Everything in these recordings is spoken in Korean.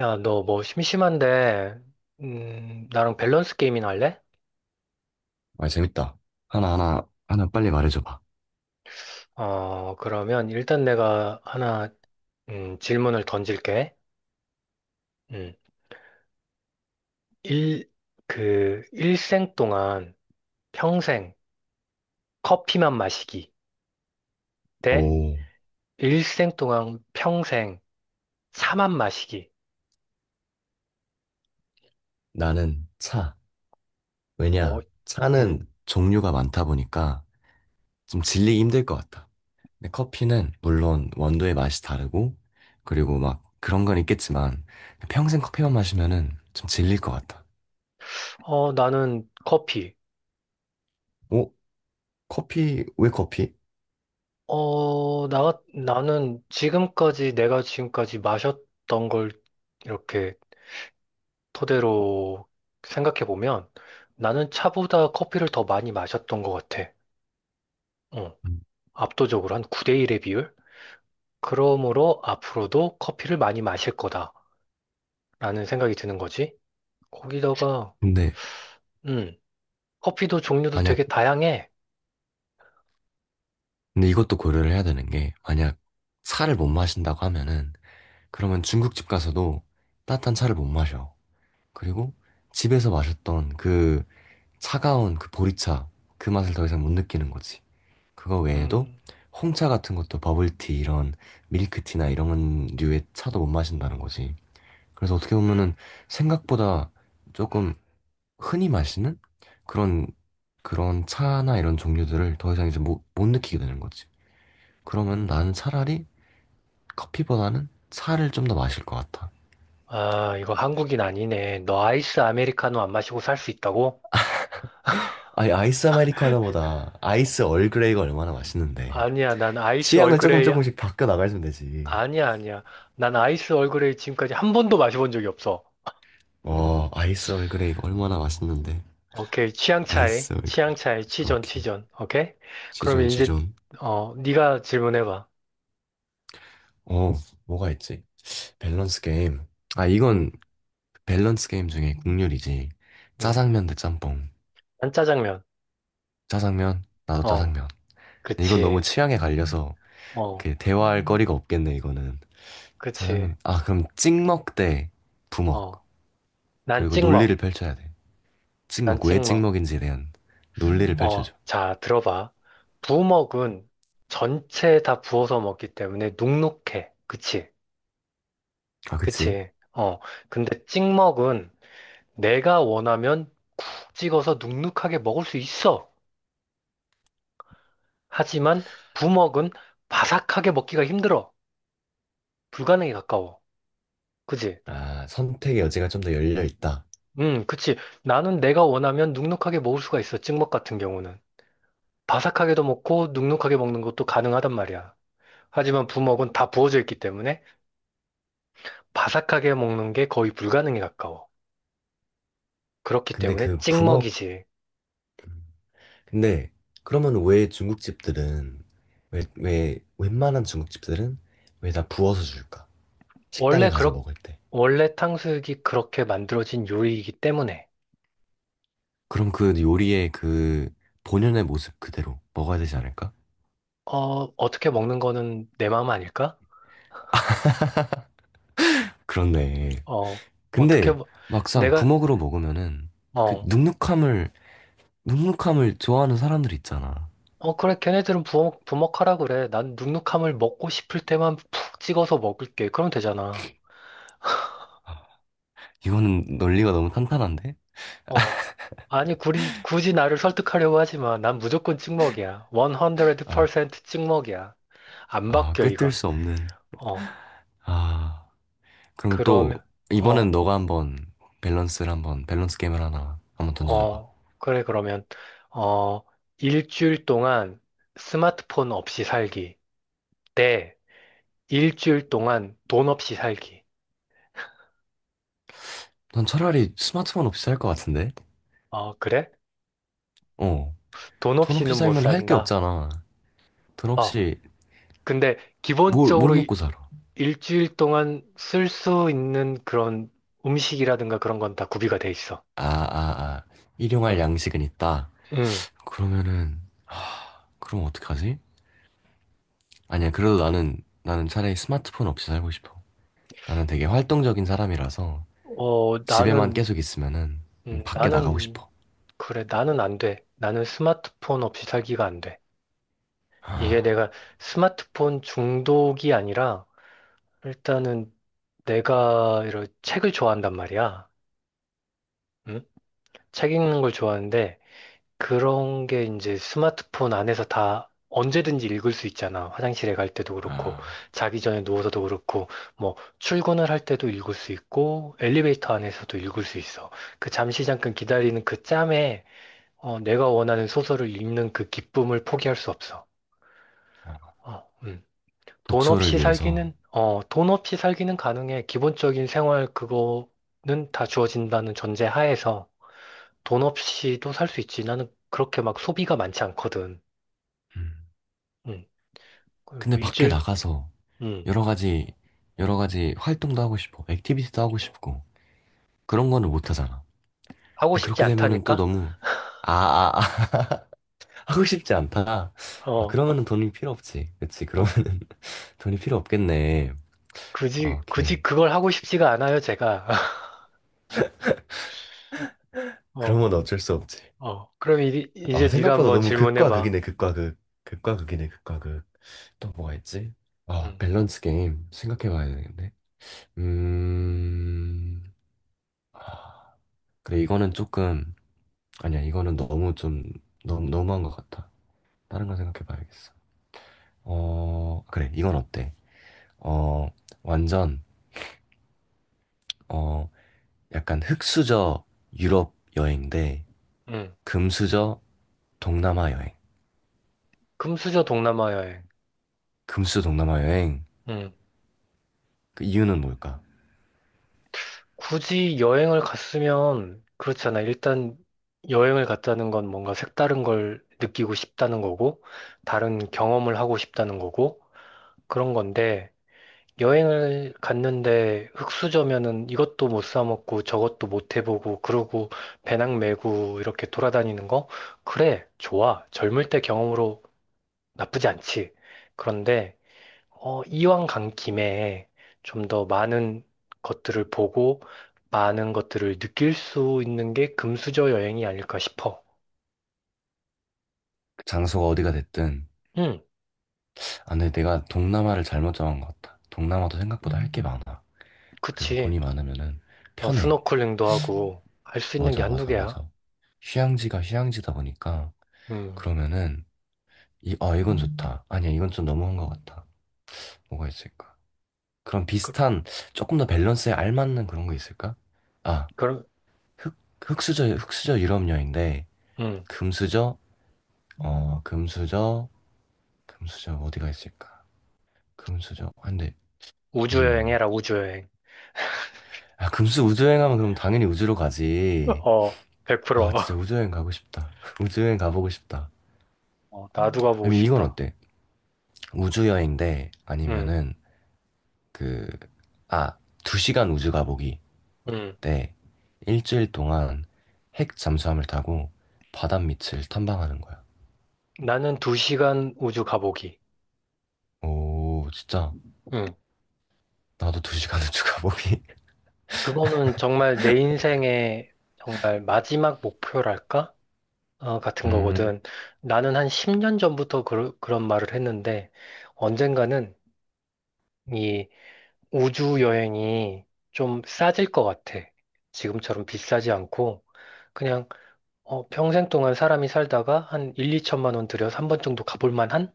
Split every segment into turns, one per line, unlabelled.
야, 너 뭐 심심한데, 나랑 밸런스 게임이나 할래?
아, 재밌다. 하나하나, 하나 하나 빨리 말해줘봐.
그러면 일단 내가 하나, 질문을 던질게. 음, 일, 일생 동안 평생 커피만 마시기 대
오,
일생 동안 평생 차만 마시기.
나는 차.
어,
왜냐, 차는
음,
종류가 많다 보니까 좀 질리기 힘들 것 같다. 근데 커피는 물론 원두의 맛이 다르고, 그리고 막 그런 건 있겠지만, 평생 커피만 마시면은 좀 질릴 것 같다.
나는 커피.
오, 커피, 왜 커피?
나는 내가 지금까지 마셨던 걸 이렇게 토대로 생각해 보면 나는 차보다 커피를 더 많이 마셨던 것 같아. 어,
음,
압도적으로 한 9대 1의 비율? 그러므로 앞으로도 커피를 많이 마실 거다라는 생각이 드는 거지. 거기다가
근데
음, 커피도 종류도
만약,
되게 다양해.
근데 이것도 고려를 해야 되는 게, 만약 차를 못 마신다고 하면은, 그러면 중국집 가서도 따뜻한 차를 못 마셔. 그리고 집에서 마셨던 그 차가운 그 보리차 그 맛을 더 이상 못 느끼는 거지. 그거 외에도
음,
홍차 같은 것도 버블티 이런 밀크티나 이런 류의 차도 못 마신다는 거지. 그래서 어떻게 보면은 생각보다 조금 흔히 마시는 그런 그런 차나 이런 종류들을 더 이상 이제 못 느끼게 되는 거지. 그러면
음.
나는 차라리 커피보다는 차를 좀 더 마실 것 같아.
아, 이거 한국인 아니네. 너 아이스 아메리카노 안 마시고 살 수 있다고?
아니, 아이스 아메리카노보다 아이스 얼그레이가 얼마나 맛있는데.
아니야, 난 아이스
취향을 조금
얼그레이야.
조금씩 바꿔 나가시면 되지.
아니야, 아니야. 난 아이스 얼그레이 지금까지 한 번도 마셔본 적이 없어.
어, 아이스 얼그레이 이거 얼마나 맛있는데.
오케이. 취향 차이.
아이스 얼그레이.
취향 차이. 치존,
오케이.
치존. 오케이?
지존,
그러면 이제,
지존.
네가 질문해봐.
어, 뭐가 있지? 밸런스 게임. 아, 이건
응,
밸런스 게임 중에 국룰이지.
응.
짜장면 대 짬뽕.
난 짜장면.
짜장면, 나도
어,
짜장면. 근데 이건 너무
그치.
취향에 갈려서
어,
그 대화할 거리가 없겠네, 이거는.
그치.
짜장면. 아, 그럼 찍먹 대 부먹.
어, 난
그리고 논리를
찍먹.
펼쳐야 돼.
난
찍먹, 왜
찍먹.
찍먹인지에 대한 논리를
어,
펼쳐줘.
자, 들어봐. 부먹은 전체 다 부어서 먹기 때문에 눅눅해. 그치?
아, 그치?
그치? 근데 찍먹은 내가 원하면 쿡 찍어서 눅눅하게 먹을 수 있어. 하지만 부먹은 바삭하게 먹기가 힘들어. 불가능에 가까워. 그지?
아, 선택의 여지가 좀 더 열려 있다.
그치. 나는 내가 원하면 눅눅하게 먹을 수가 있어. 찍먹 같은 경우는. 바삭하게도 먹고 눅눅하게 먹는 것도 가능하단 말이야. 하지만 부먹은 다 부어져 있기 때문에 바삭하게 먹는 게 거의 불가능에 가까워. 그렇기
근데
때문에
그 부먹,
찍먹이지.
근데 그러면 왜 중국집들은, 웬만한 중국집들은 왜 다 부어서 줄까? 식당에
원래
가서
그렇,
먹을 때.
원래 탕수육이 그렇게 만들어진 요리이기 때문에,
그럼 그 요리의 그 본연의 모습 그대로 먹어야 되지 않을까?
어, 어떻게 먹는 거는 내 마음 아닐까?
그렇네.
어, 어떻게,
근데
먹-
막상
내가,
부먹으로 먹으면은 그
어,
눅눅함을 좋아하는 사람들 있잖아.
어, 그래, 걔네들은 부먹하라 그래. 난 눅눅함을 먹고 싶을 때만 푹 찍어서 먹을게. 그럼 되잖아.
아, 이거는 논리가 너무 탄탄한데?
어. 아니, 굳이, 굳이 나를 설득하려고 하지 마. 난 무조건 찍먹이야.
아,
100% 찍먹이야. 안
아,
바뀌어,
꿰뚫
이건.
수 없는,
어,
아. 그러면 또
그러면,
이번엔
어,
너가 한번 밸런스 게임을 하나 한번 던져줘봐.
그래, 어, 일주일 동안 스마트폰 없이 살기. 네. 일주일 동안 돈 없이 살기.
넌 차라리 스마트폰 없이 살 것 같은데?
어, 그래?
어.
돈
돈 없이
없이는 못
살면 할 게
산다.
없잖아. 돈
어.
없이
근데
뭘
기본적으로
먹고 살아?
일주일 동안 쓸 수 있는 그런 음식이라든가 그런 건 다 구비가 돼 있어.
아, 아, 아. 일용할
음.
양식은 있다.
음.
그러면은 하, 그럼 어떡하지? 아니야. 그래도 나는 차라리 스마트폰 없이 살고 싶어. 나는 되게 활동적인 사람이라서
어,
집에만
나는,
계속 있으면은
음,
밖에 나가고
나는,
싶어.
그래, 나는 안 돼. 나는 스마트폰 없이 살기가 안 돼. 이게
아,
내가 스마트폰 중독이 아니라, 일단은 내가 이런 책을 좋아한단 말이야. 음? 책 읽는 걸 좋아하는데, 그런 게 이제 스마트폰 안에서 다 언제든지 읽을 수 있잖아. 화장실에 갈 때도 그렇고,
아,
자기 전에 누워서도 그렇고, 뭐, 출근을 할 때도 읽을 수 있고, 엘리베이터 안에서도 읽을 수 있어. 그 잠시 잠깐 기다리는 그 짬에, 내가 원하는 소설을 읽는 그 기쁨을 포기할 수 없어.
아.
어, 음. 돈
독서를
없이
위해서.
살기는, 어, 돈 없이 살기는 가능해. 기본적인 생활 그거는 다 주어진다는 전제 하에서 돈 없이도 살 수 있지. 나는 그렇게 막 소비가 많지 않거든.
음.
음, 그
근데 밖에
일주일,
나가서
음,
여러 가지, 여러 가지 활동도 하고 싶고, 액티비티도 하고 싶고, 그런 거는 못 하잖아.
하고
근데
싶지
그렇게 되면은 또
않다니까?
너무, 아, 아, 아, 하고 싶지 않다.
어,
아,
어,
그러면은 돈이 필요 없지. 그치?
어,
그러면은 돈이 필요 없겠네. 아,
굳이,
오케이.
굳이 그걸 하고 싶지가 않아요, 제가. 어,
그러면 어쩔 수 없지.
그럼
아,
이제 네가
생각보다
한번
너무 극과
질문해봐.
극이네, 극과 극. 극과 극이네, 극과 극. 또 뭐가 있지? 아,
음,
밸런스 게임 생각해 봐야 되겠네. 음, 아, 그래, 이거는 조금, 아니야, 이거는 너무 좀, 너무, 너무한 것 같아. 다른 거 생각해 봐야겠어. 어, 그래, 이건 어때? 어, 완전, 어, 약간 흑수저 유럽 여행 대
음,
금수저 동남아 여행.
금수저 동남아 여행.
금수 동남아 여행.
음,
그 이유는 뭘까?
굳이 여행을 갔으면, 그렇잖아. 일단 여행을 갔다는 건 뭔가 색다른 걸 느끼고 싶다는 거고, 다른 경험을 하고 싶다는 거고, 그런 건데, 여행을 갔는데 흙수저면은 이것도 못 사 먹고 저것도 못 해보고 그러고 배낭 메고 이렇게 돌아다니는 거? 그래, 좋아. 젊을 때 경험으로 나쁘지 않지. 그런데 이왕 간 김에 좀 더 많은 것들을 보고 많은 것들을 느낄 수 있는 게 금수저 여행이 아닐까 싶어.
그 장소가 어디가 됐든.
응,
아, 근데 내가 동남아를 잘못 정한 것 같다. 동남아도 생각보다 할 게 많아. 그리고
그치.
돈이 많으면은
어,
편해.
스노클링도 하고 할 수 있는 게
맞아,
한두
맞아,
개야.
맞아. 휴양지가 휴양지다 보니까
음,
그러면은 이건 좋다. 아니야, 이건 좀 너무한 것 같아. 뭐가 있을까? 그런
그,
비슷한, 조금 더 밸런스에 알맞는 그런 거 있을까? 아,
그럼,
흑, 흑수저 유럽여인데,
음,
금수저, 어, 금수저, 금수저 어디가 있을까? 금수저, 아, 근데,
우주여행
음.
해라, 우주여행.
아, 금수 우주여행 하면 그럼 당연히 우주로 가지.
어,
아,
100%.
진짜 우주여행 가고 싶다. 우주여행 가보고 싶다.
어, 나도 가보고
아니, 이건
싶다.
어때? 우주여행인데,
응,
아니면은, 그, 아, 2시간 우주 가보기.
응.
때 1주일 동안 핵 잠수함을 타고 바다 밑을 탐방하는 거야.
나는 2시간 우주 가보기.
오, 진짜
응.
나도 2시간은 추가 보기.
그거는 정말 내 인생의 정말 마지막 목표랄까? 같은
음,
거거든. 나는 한 10년 전부터 그런 말을 했는데, 언젠가는 이 우주 여행이 좀 싸질 것 같아. 지금처럼 비싸지 않고, 그냥, 평생 동안 사람이 살다가 한 1, 2천만 원 들여서 한 번 정도 가볼 만한?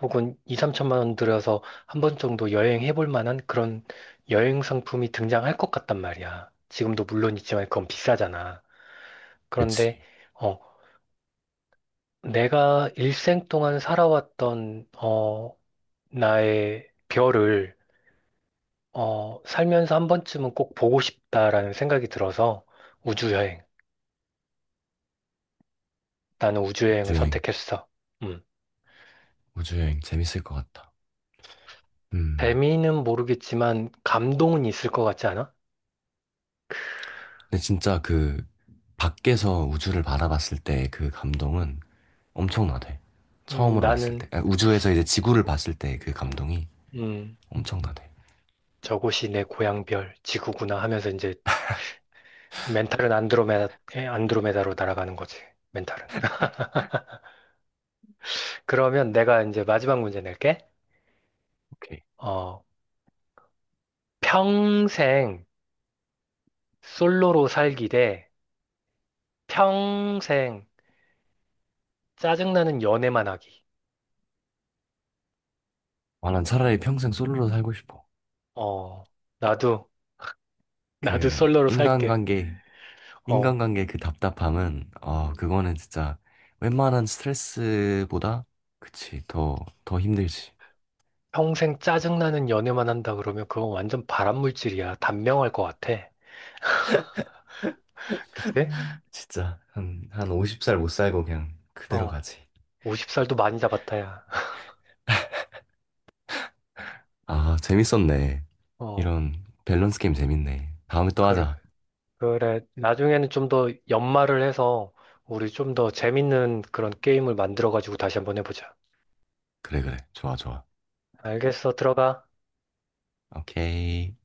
혹은 2, 3천만 원 들여서 한 번 정도 여행해 볼 만한 그런 여행 상품이 등장할 것 같단 말이야. 지금도 물론 있지만 그건 비싸잖아. 그런데
그치.
어, 내가 일생 동안 살아왔던 나의 별을 살면서 한 번쯤은 꼭 보고 싶다라는 생각이 들어서 우주여행. 나는 우주여행을
우주여행,
선택했어. 음.
우주여행 재밌을 것 같다. 음,
재미는 모르겠지만 감동은 있을 것 같지 않아?
근데 진짜 그 밖에서 우주를 바라봤을 때 그 감동은 엄청나대. 처음으로 봤을 때,
나는
아, 우주에서 이제 지구를 봤을 때 그 감동이
음,
엄청나대.
저곳이 내 고향별 지구구나 하면서 이제 멘탈은 안드로메다, 안드로메다로 날아가는 거지. 멘탈은. 그러면 내가 이제 마지막 문제 낼게.
오케이.
어, 평생 솔로로 살기 대 평생 짜증나는 연애만 하기.
아, 난 차라리 평생 솔로로 살고 싶어.
어, 나도, 나도
그
솔로로 살게.
인간관계
어,
인간관계 그 답답함은, 어,
음.
그거는 진짜 웬만한 스트레스보다, 그치, 더 힘들지.
평생 짜증나는 연애만 한다 그러면 그건 완전 발암물질이야. 단명할 것 같아. 그치?
진짜, 한 50살 못 살고 그냥 그대로
어,
가지.
50살도 많이 잡았다야.
아, 재밌었네.
어,
이런 밸런스 게임 재밌네. 다음에 또
그래.
하자.
그래, 나중에는 좀 더 연말을 해서 우리 좀 더 재밌는 그런 게임을 만들어가지고 다시 한번 해보자.
그래, 그래. 좋아, 좋아.
알겠어, 들어가.
오케이.